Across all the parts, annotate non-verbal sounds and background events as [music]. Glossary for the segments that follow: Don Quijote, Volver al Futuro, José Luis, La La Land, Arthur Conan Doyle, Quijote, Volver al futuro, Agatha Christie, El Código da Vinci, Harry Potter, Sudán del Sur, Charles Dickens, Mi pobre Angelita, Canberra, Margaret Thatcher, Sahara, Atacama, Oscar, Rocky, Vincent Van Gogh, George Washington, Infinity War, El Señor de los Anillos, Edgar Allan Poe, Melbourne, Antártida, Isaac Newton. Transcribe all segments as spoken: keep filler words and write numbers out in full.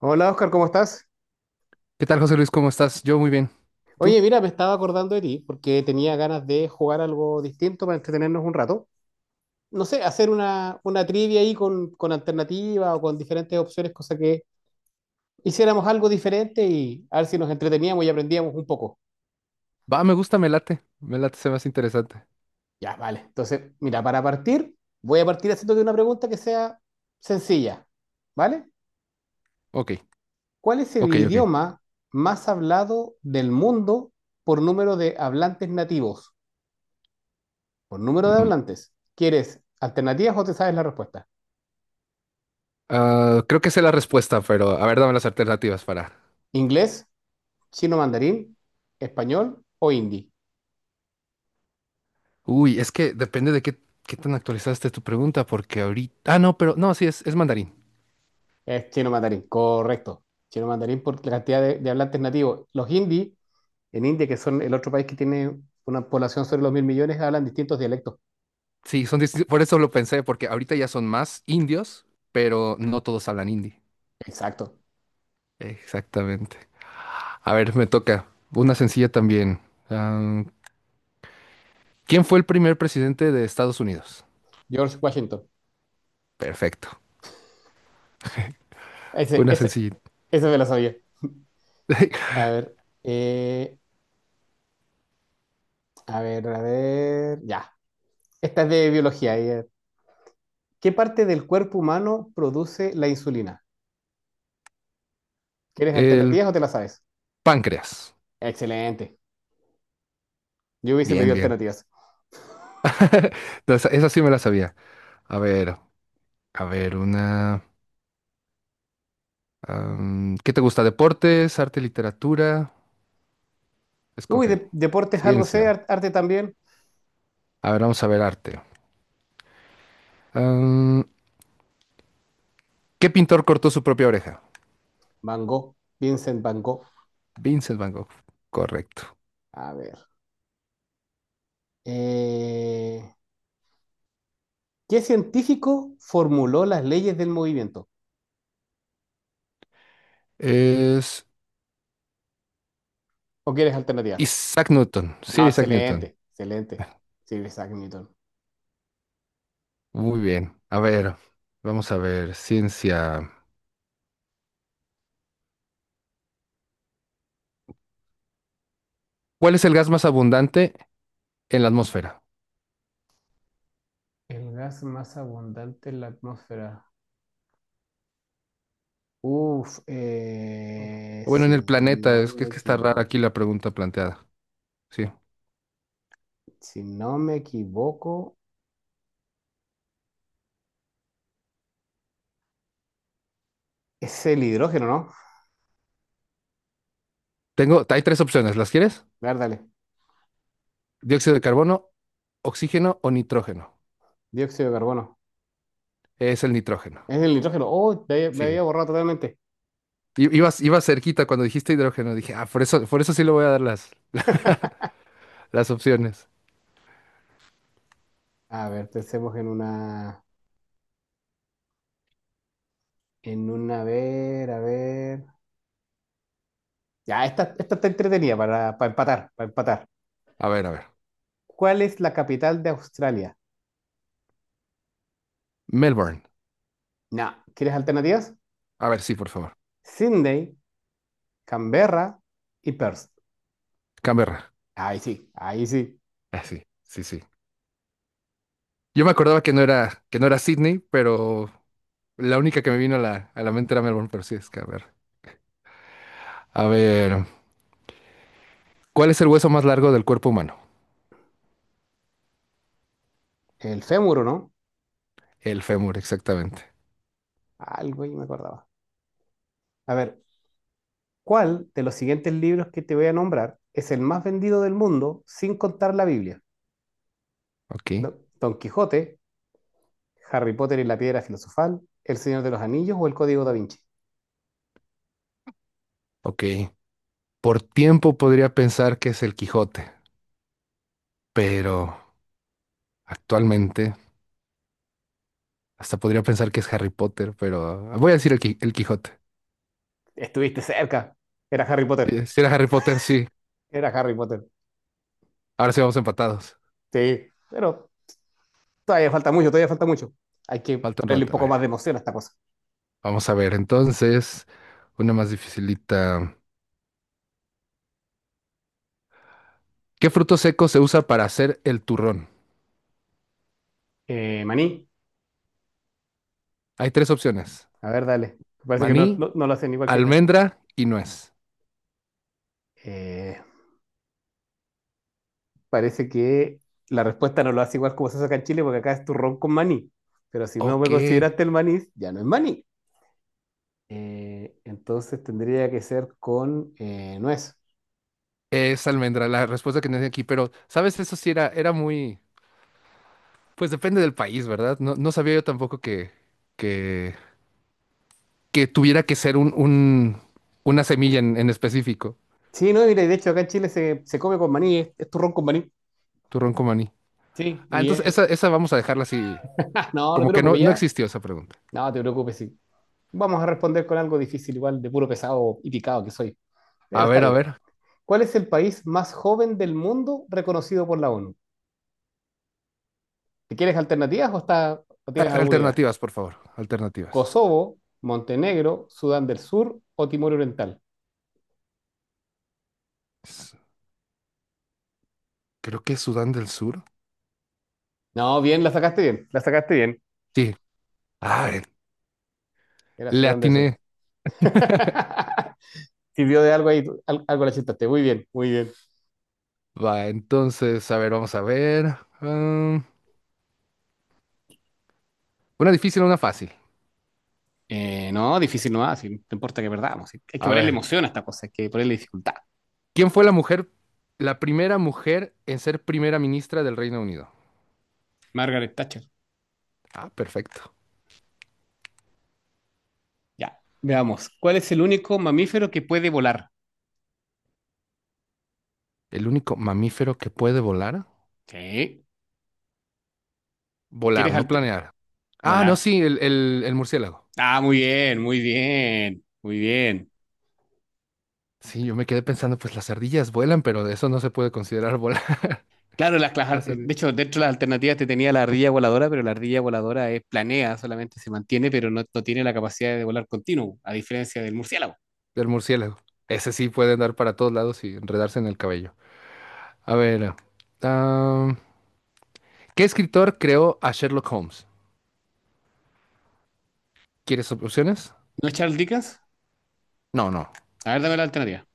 Hola Oscar, ¿cómo estás? ¿Qué tal, José Luis? ¿Cómo estás? Yo muy bien. Oye, ¿Tú? mira, me estaba acordando de ti porque tenía ganas de jugar algo distinto para entretenernos un rato. No sé, hacer una, una trivia ahí con, con alternativa o con diferentes opciones, cosa que hiciéramos algo diferente y a ver si nos entreteníamos y aprendíamos un poco. Va, me gusta, me late. Me late, se me hace interesante. Ya, vale. Entonces, mira, para partir, voy a partir haciéndote una pregunta que sea sencilla, ¿vale? Ok, ¿Cuál es el ok, ok. idioma más hablado del mundo por número de hablantes nativos? Por número de Mm, hablantes. ¿Quieres alternativas o te sabes la respuesta? Ah, creo que sé la respuesta, pero a ver, dame las alternativas para... ¿Inglés, chino mandarín, español o hindi? Uy, es que depende de qué, qué tan actualizada esté tu pregunta, porque ahorita... Ah, no, pero no, sí, es, es mandarín. Es chino mandarín, correcto. Chino mandarín por la cantidad de, de hablantes nativos. Los hindi, en India, que son el otro país que tiene una población sobre los mil millones, hablan distintos dialectos. Sí, son distintos. Por eso lo pensé, porque ahorita ya son más indios, pero no todos hablan hindi. Exacto. Exactamente. A ver, me toca. Una sencilla también. Am, ¿Quién fue el primer presidente de Estados Unidos? George Washington. Perfecto. Ese, Una ese, sencilla. ese me lo sabía. [laughs] A ver, eh, a ver, a ver. Ya. Esta es de biología. eh. ¿Qué parte del cuerpo humano produce la insulina? ¿Quieres El alternativas o te las sabes? páncreas. Excelente. Yo hubiese Bien, pedido bien. alternativas. [laughs] No, Esa, esa sí me la sabía. A ver, a ver, una... am, ¿qué te gusta? ¿Deportes, arte, literatura? Uy, Escoge. de- deportes algo sé, Ciencia. ar- arte también. A ver, vamos a ver arte. ¿Qué pintor cortó su propia oreja? Van Gogh, Vincent Van Gogh. Vincent Van Gogh. Correcto. A ver. eh, ¿qué científico formuló las leyes del movimiento? Es ¿O quieres alternativas? Isaac Newton. Sir Ah, Isaac Newton. excelente, excelente. Sí, Isaac Newton. Muy bien. A ver, vamos a ver. Ciencia. ¿Cuál es el gas más abundante en la atmósfera? El gas más abundante en la atmósfera. Uf, O eh, bueno, en el si planeta. no Es que, me es que está rara equivoco, aquí la pregunta planteada. Sí. si no me equivoco, es el hidrógeno, ¿no? Tengo, hay tres opciones. ¿Las quieres? A ver, dale. Dióxido de carbono, oxígeno o nitrógeno. Dióxido de carbono. Es el nitrógeno. Es el nitrógeno. Oh, me había, me había Sí. borrado totalmente. I- Ibas, ibas cerquita cuando dijiste hidrógeno. Dije, ah, por eso, por eso sí le voy a dar las, las opciones. A ver, pensemos en una. En una, a ver, a ver. Ya, esta, esta está entretenida para, para empatar, para empatar. A ver, a ver. ¿Cuál es la capital de Australia? Melbourne. No. ¿Quieres alternativas? A ver, sí, por favor. Sydney, Canberra y Perth. Canberra. Ahí sí, ahí sí. Ah, sí, sí, sí. Yo me acordaba que no era, que no era Sydney, pero la única que me vino a la, a la mente era Melbourne, pero sí es Canberra. A ver, ¿cuál es el hueso más largo del cuerpo humano? El fémur, ¿o no? El fémur, exactamente. Algo ahí me acordaba. A ver, ¿cuál de los siguientes libros que te voy a nombrar es el más vendido del mundo sin contar la Biblia? Ok, ¿No? Don Quijote. Harry Potter y la Piedra Filosofal, El Señor de los Anillos o El Código da Vinci. ok. Por tiempo podría pensar que es el Quijote, pero actualmente hasta podría pensar que es Harry Potter, pero voy a decir el, Qui- el Quijote. Estuviste cerca. Era Harry Potter. Eh, Si era Harry Potter, sí. Era Harry Potter. Ahora sí vamos empatados. Sí, pero todavía falta mucho, todavía falta mucho. Hay que Falta un ponerle un rato, a poco ver. más de emoción a esta cosa. Vamos a ver, entonces, una más dificilita. ¿Qué fruto seco se usa para hacer el turrón? Eh, Maní, Hay tres opciones: a ver, dale. Parece que no, maní, no- no lo hacen igual que acá. almendra y nuez. Eh, parece que la respuesta no lo hace igual como se hace acá en Chile, porque acá es turrón con maní. Pero si no me Ok, consideraste el maní, ya no es maní. Eh, entonces tendría que ser con eh, nuez. es almendra la respuesta que tenía aquí, pero sabes, eso sí era, era muy, pues depende del país, ¿verdad? No, no sabía yo tampoco que, que, que tuviera que ser un, un- una semilla en, en específico, Sí, no, mira, y de hecho acá en Chile se, se come con maní, es, es turrón con maní. turrón con maní. Sí, Ah, y entonces es. esa, esa vamos a dejarla así, Ah, no, no te como que no, preocupes no ya. existió esa pregunta. No, no te preocupes, sí. Vamos a responder con algo difícil, igual de puro pesado y picado que soy. A Pero está ver, a bien. ver. ¿Cuál es el país más joven del mundo reconocido por la ONU? ¿Te quieres alternativas o, está, o tienes A- alguna idea? Alternativas, por favor. Alternativas. ¿Kosovo, Montenegro, Sudán del Sur o Timor Oriental? S- Creo que es Sudán del Sur. No, bien, la sacaste bien, la sacaste bien. Sí. Ah, eh, Era Le Sudán del Sur. atiné. [laughs] Sirvió de algo ahí, al- algo la chuntaste. Muy bien, muy bien. Va, entonces, a ver, vamos a ver. Ah, una difícil, una fácil. Eh, no, difícil no va, si no importa que perdamos. si- Hay que A ponerle ver, emoción a esta cosa, hay que ponerle dificultad. ¿quién fue la mujer, ¿la primera mujer en ser primera ministra del Reino Unido? Margaret Thatcher. Ah, perfecto. Ya. Veamos. ¿Cuál es el único mamífero que puede volar? ¿El único mamífero que puede volar? Sí. Volar, ¿Quieres no alte- planear. Ah, no, volar? sí, el, el, el murciélago. Ah, muy bien, muy bien, muy bien. Sí, yo me quedé pensando, pues las ardillas vuelan, pero eso no se puede considerar volar. Claro, las, las- ar- de [laughs] hecho, dentro de las alternativas te tenía la ardilla voladora, pero la ardilla voladora es planea, solamente se mantiene, pero no, no tiene la capacidad de volar continuo, a diferencia del murciélago. El murciélago. Ese sí puede andar para todos lados y enredarse en el cabello. A ver. ah, ¿qué escritor creó a Sherlock Holmes? ¿Quieres op- opciones? ¿No es Charles Dickens? No, no. A ver, dame la alternativa.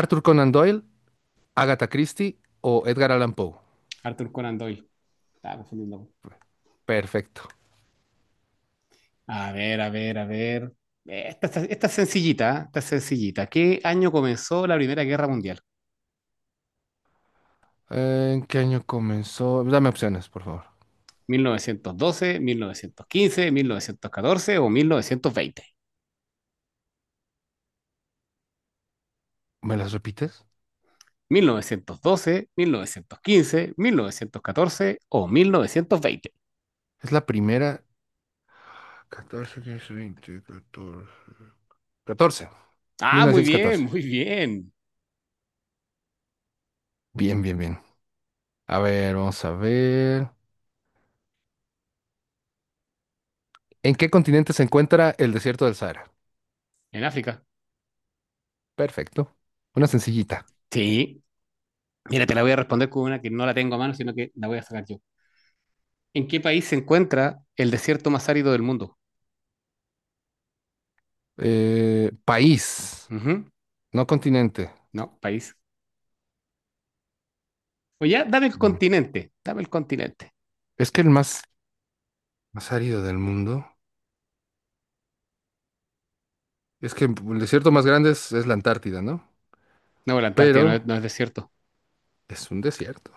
Arthur Conan Doyle, Agatha Christie o Edgar Allan Poe. Arthur Conan Doyle. Estaba confundiendo. Perfecto. A ver, a ver, a ver. Eh, Esta, esta- esta es sencillita, ¿eh? Esta es sencillita. ¿Qué año comenzó la Primera Guerra Mundial? ¿En qué año comenzó? Dame opciones, por favor. ¿Mil mil novecientos novecientos doce, mil novecientos quince, mil novecientos catorce o mil Mil mil novecientos novecientos ¿Me las repites? novecientos veinte? Doce, quince, mil novecientos catorce o mil novecientos veinte. Es la primera. ¿Catorce quince veinte quince, catorce. Mil Ah, muy novecientos bien, catorce. muy bien. Bien, bien, bien. A ver, vamos a ver. ¿En qué continente se encuentra el desierto del Sahara? En África. Perfecto. Una sencillita. Sí. Mira, te la voy a responder con una que no la tengo a mano, sino que la voy a sacar yo. ¿En qué país se encuentra el desierto más árido del mundo? Eh, país, Ujú. no continente. No, país. O ya, dame el Mm. continente, dame el continente. Es que el más, más árido del mundo. Es que el desierto más grande es, es la Antártida, ¿no? No, la Antártida no Pero es, no es desierto. es un desierto.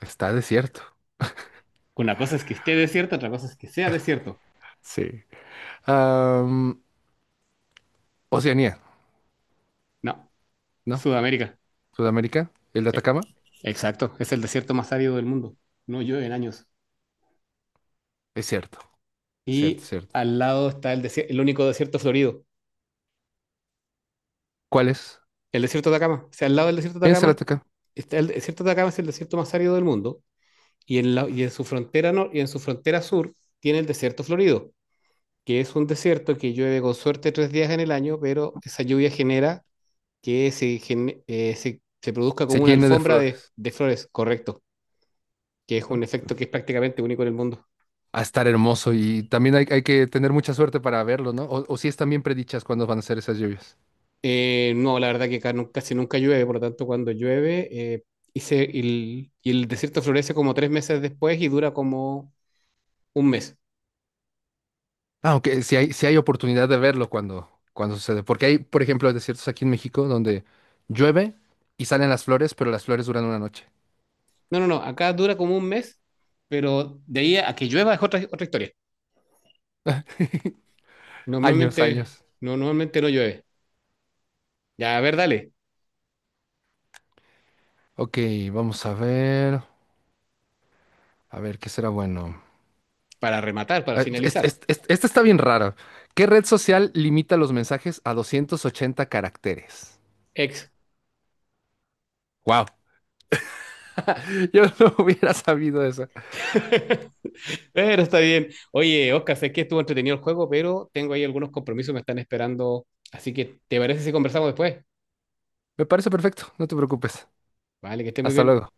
Está desierto. Una cosa es que esté desierto, otra cosa es que sea desierto. Sí. Am, Oceanía, No, ¿no? Sudamérica. Sudamérica, el de Sí, Atacama. exacto. Es el desierto más árido del mundo. No llueve en años. Es cierto, cierto, Y cierto. al lado está el, desier- el único desierto florido, ¿Cuál es? el desierto de Atacama. O sea, al lado del desierto de Piensa el Atacama Atacama. está el desierto de Atacama es el desierto más árido del mundo y en la- y en su frontera nor- y en su frontera sur tiene el desierto florido, que es un desierto que llueve con suerte tres días en el año, pero esa lluvia genera que se, gen- eh, se, se produzca Se como una llene de alfombra de, flores. de flores, correcto, que es ¿No? un efecto que es prácticamente único en el mundo. A estar hermoso y también hay, hay que tener mucha suerte para verlo, ¿no? O, o si están bien predichas cuándo van a ser esas lluvias. Eh, no, la verdad que acá nunca, casi nunca llueve, por lo tanto cuando llueve eh, y, se- y el, y el desierto florece como tres meses después y dura como un mes. Aunque sí hay, sí hay oportunidad de verlo cuando, cuando sucede. Porque hay, por ejemplo, desiertos aquí en México donde llueve y salen las flores, pero las flores duran una noche. No, no, no, acá dura como un mes, pero de ahí a que llueva es otra, otra historia. Años, Normalmente años. no, normalmente no llueve. Ya, a ver, dale, Ok, vamos a ver. A ver, ¿qué será bueno? para rematar, para Eh, es- finalizar. es- es- Esta está bien rara. ¿Qué red social limita los mensajes a doscientos ochenta caracteres? Ex. Wow, [laughs] yo no hubiera sabido eso. [laughs] Pero está bien. Oye, Oscar, sé que estuvo entretenido el juego, pero tengo ahí algunos compromisos que me están esperando. Así que, ¿te parece si conversamos después? Me parece perfecto, no te preocupes. Vale, que estés muy Hasta bien. luego.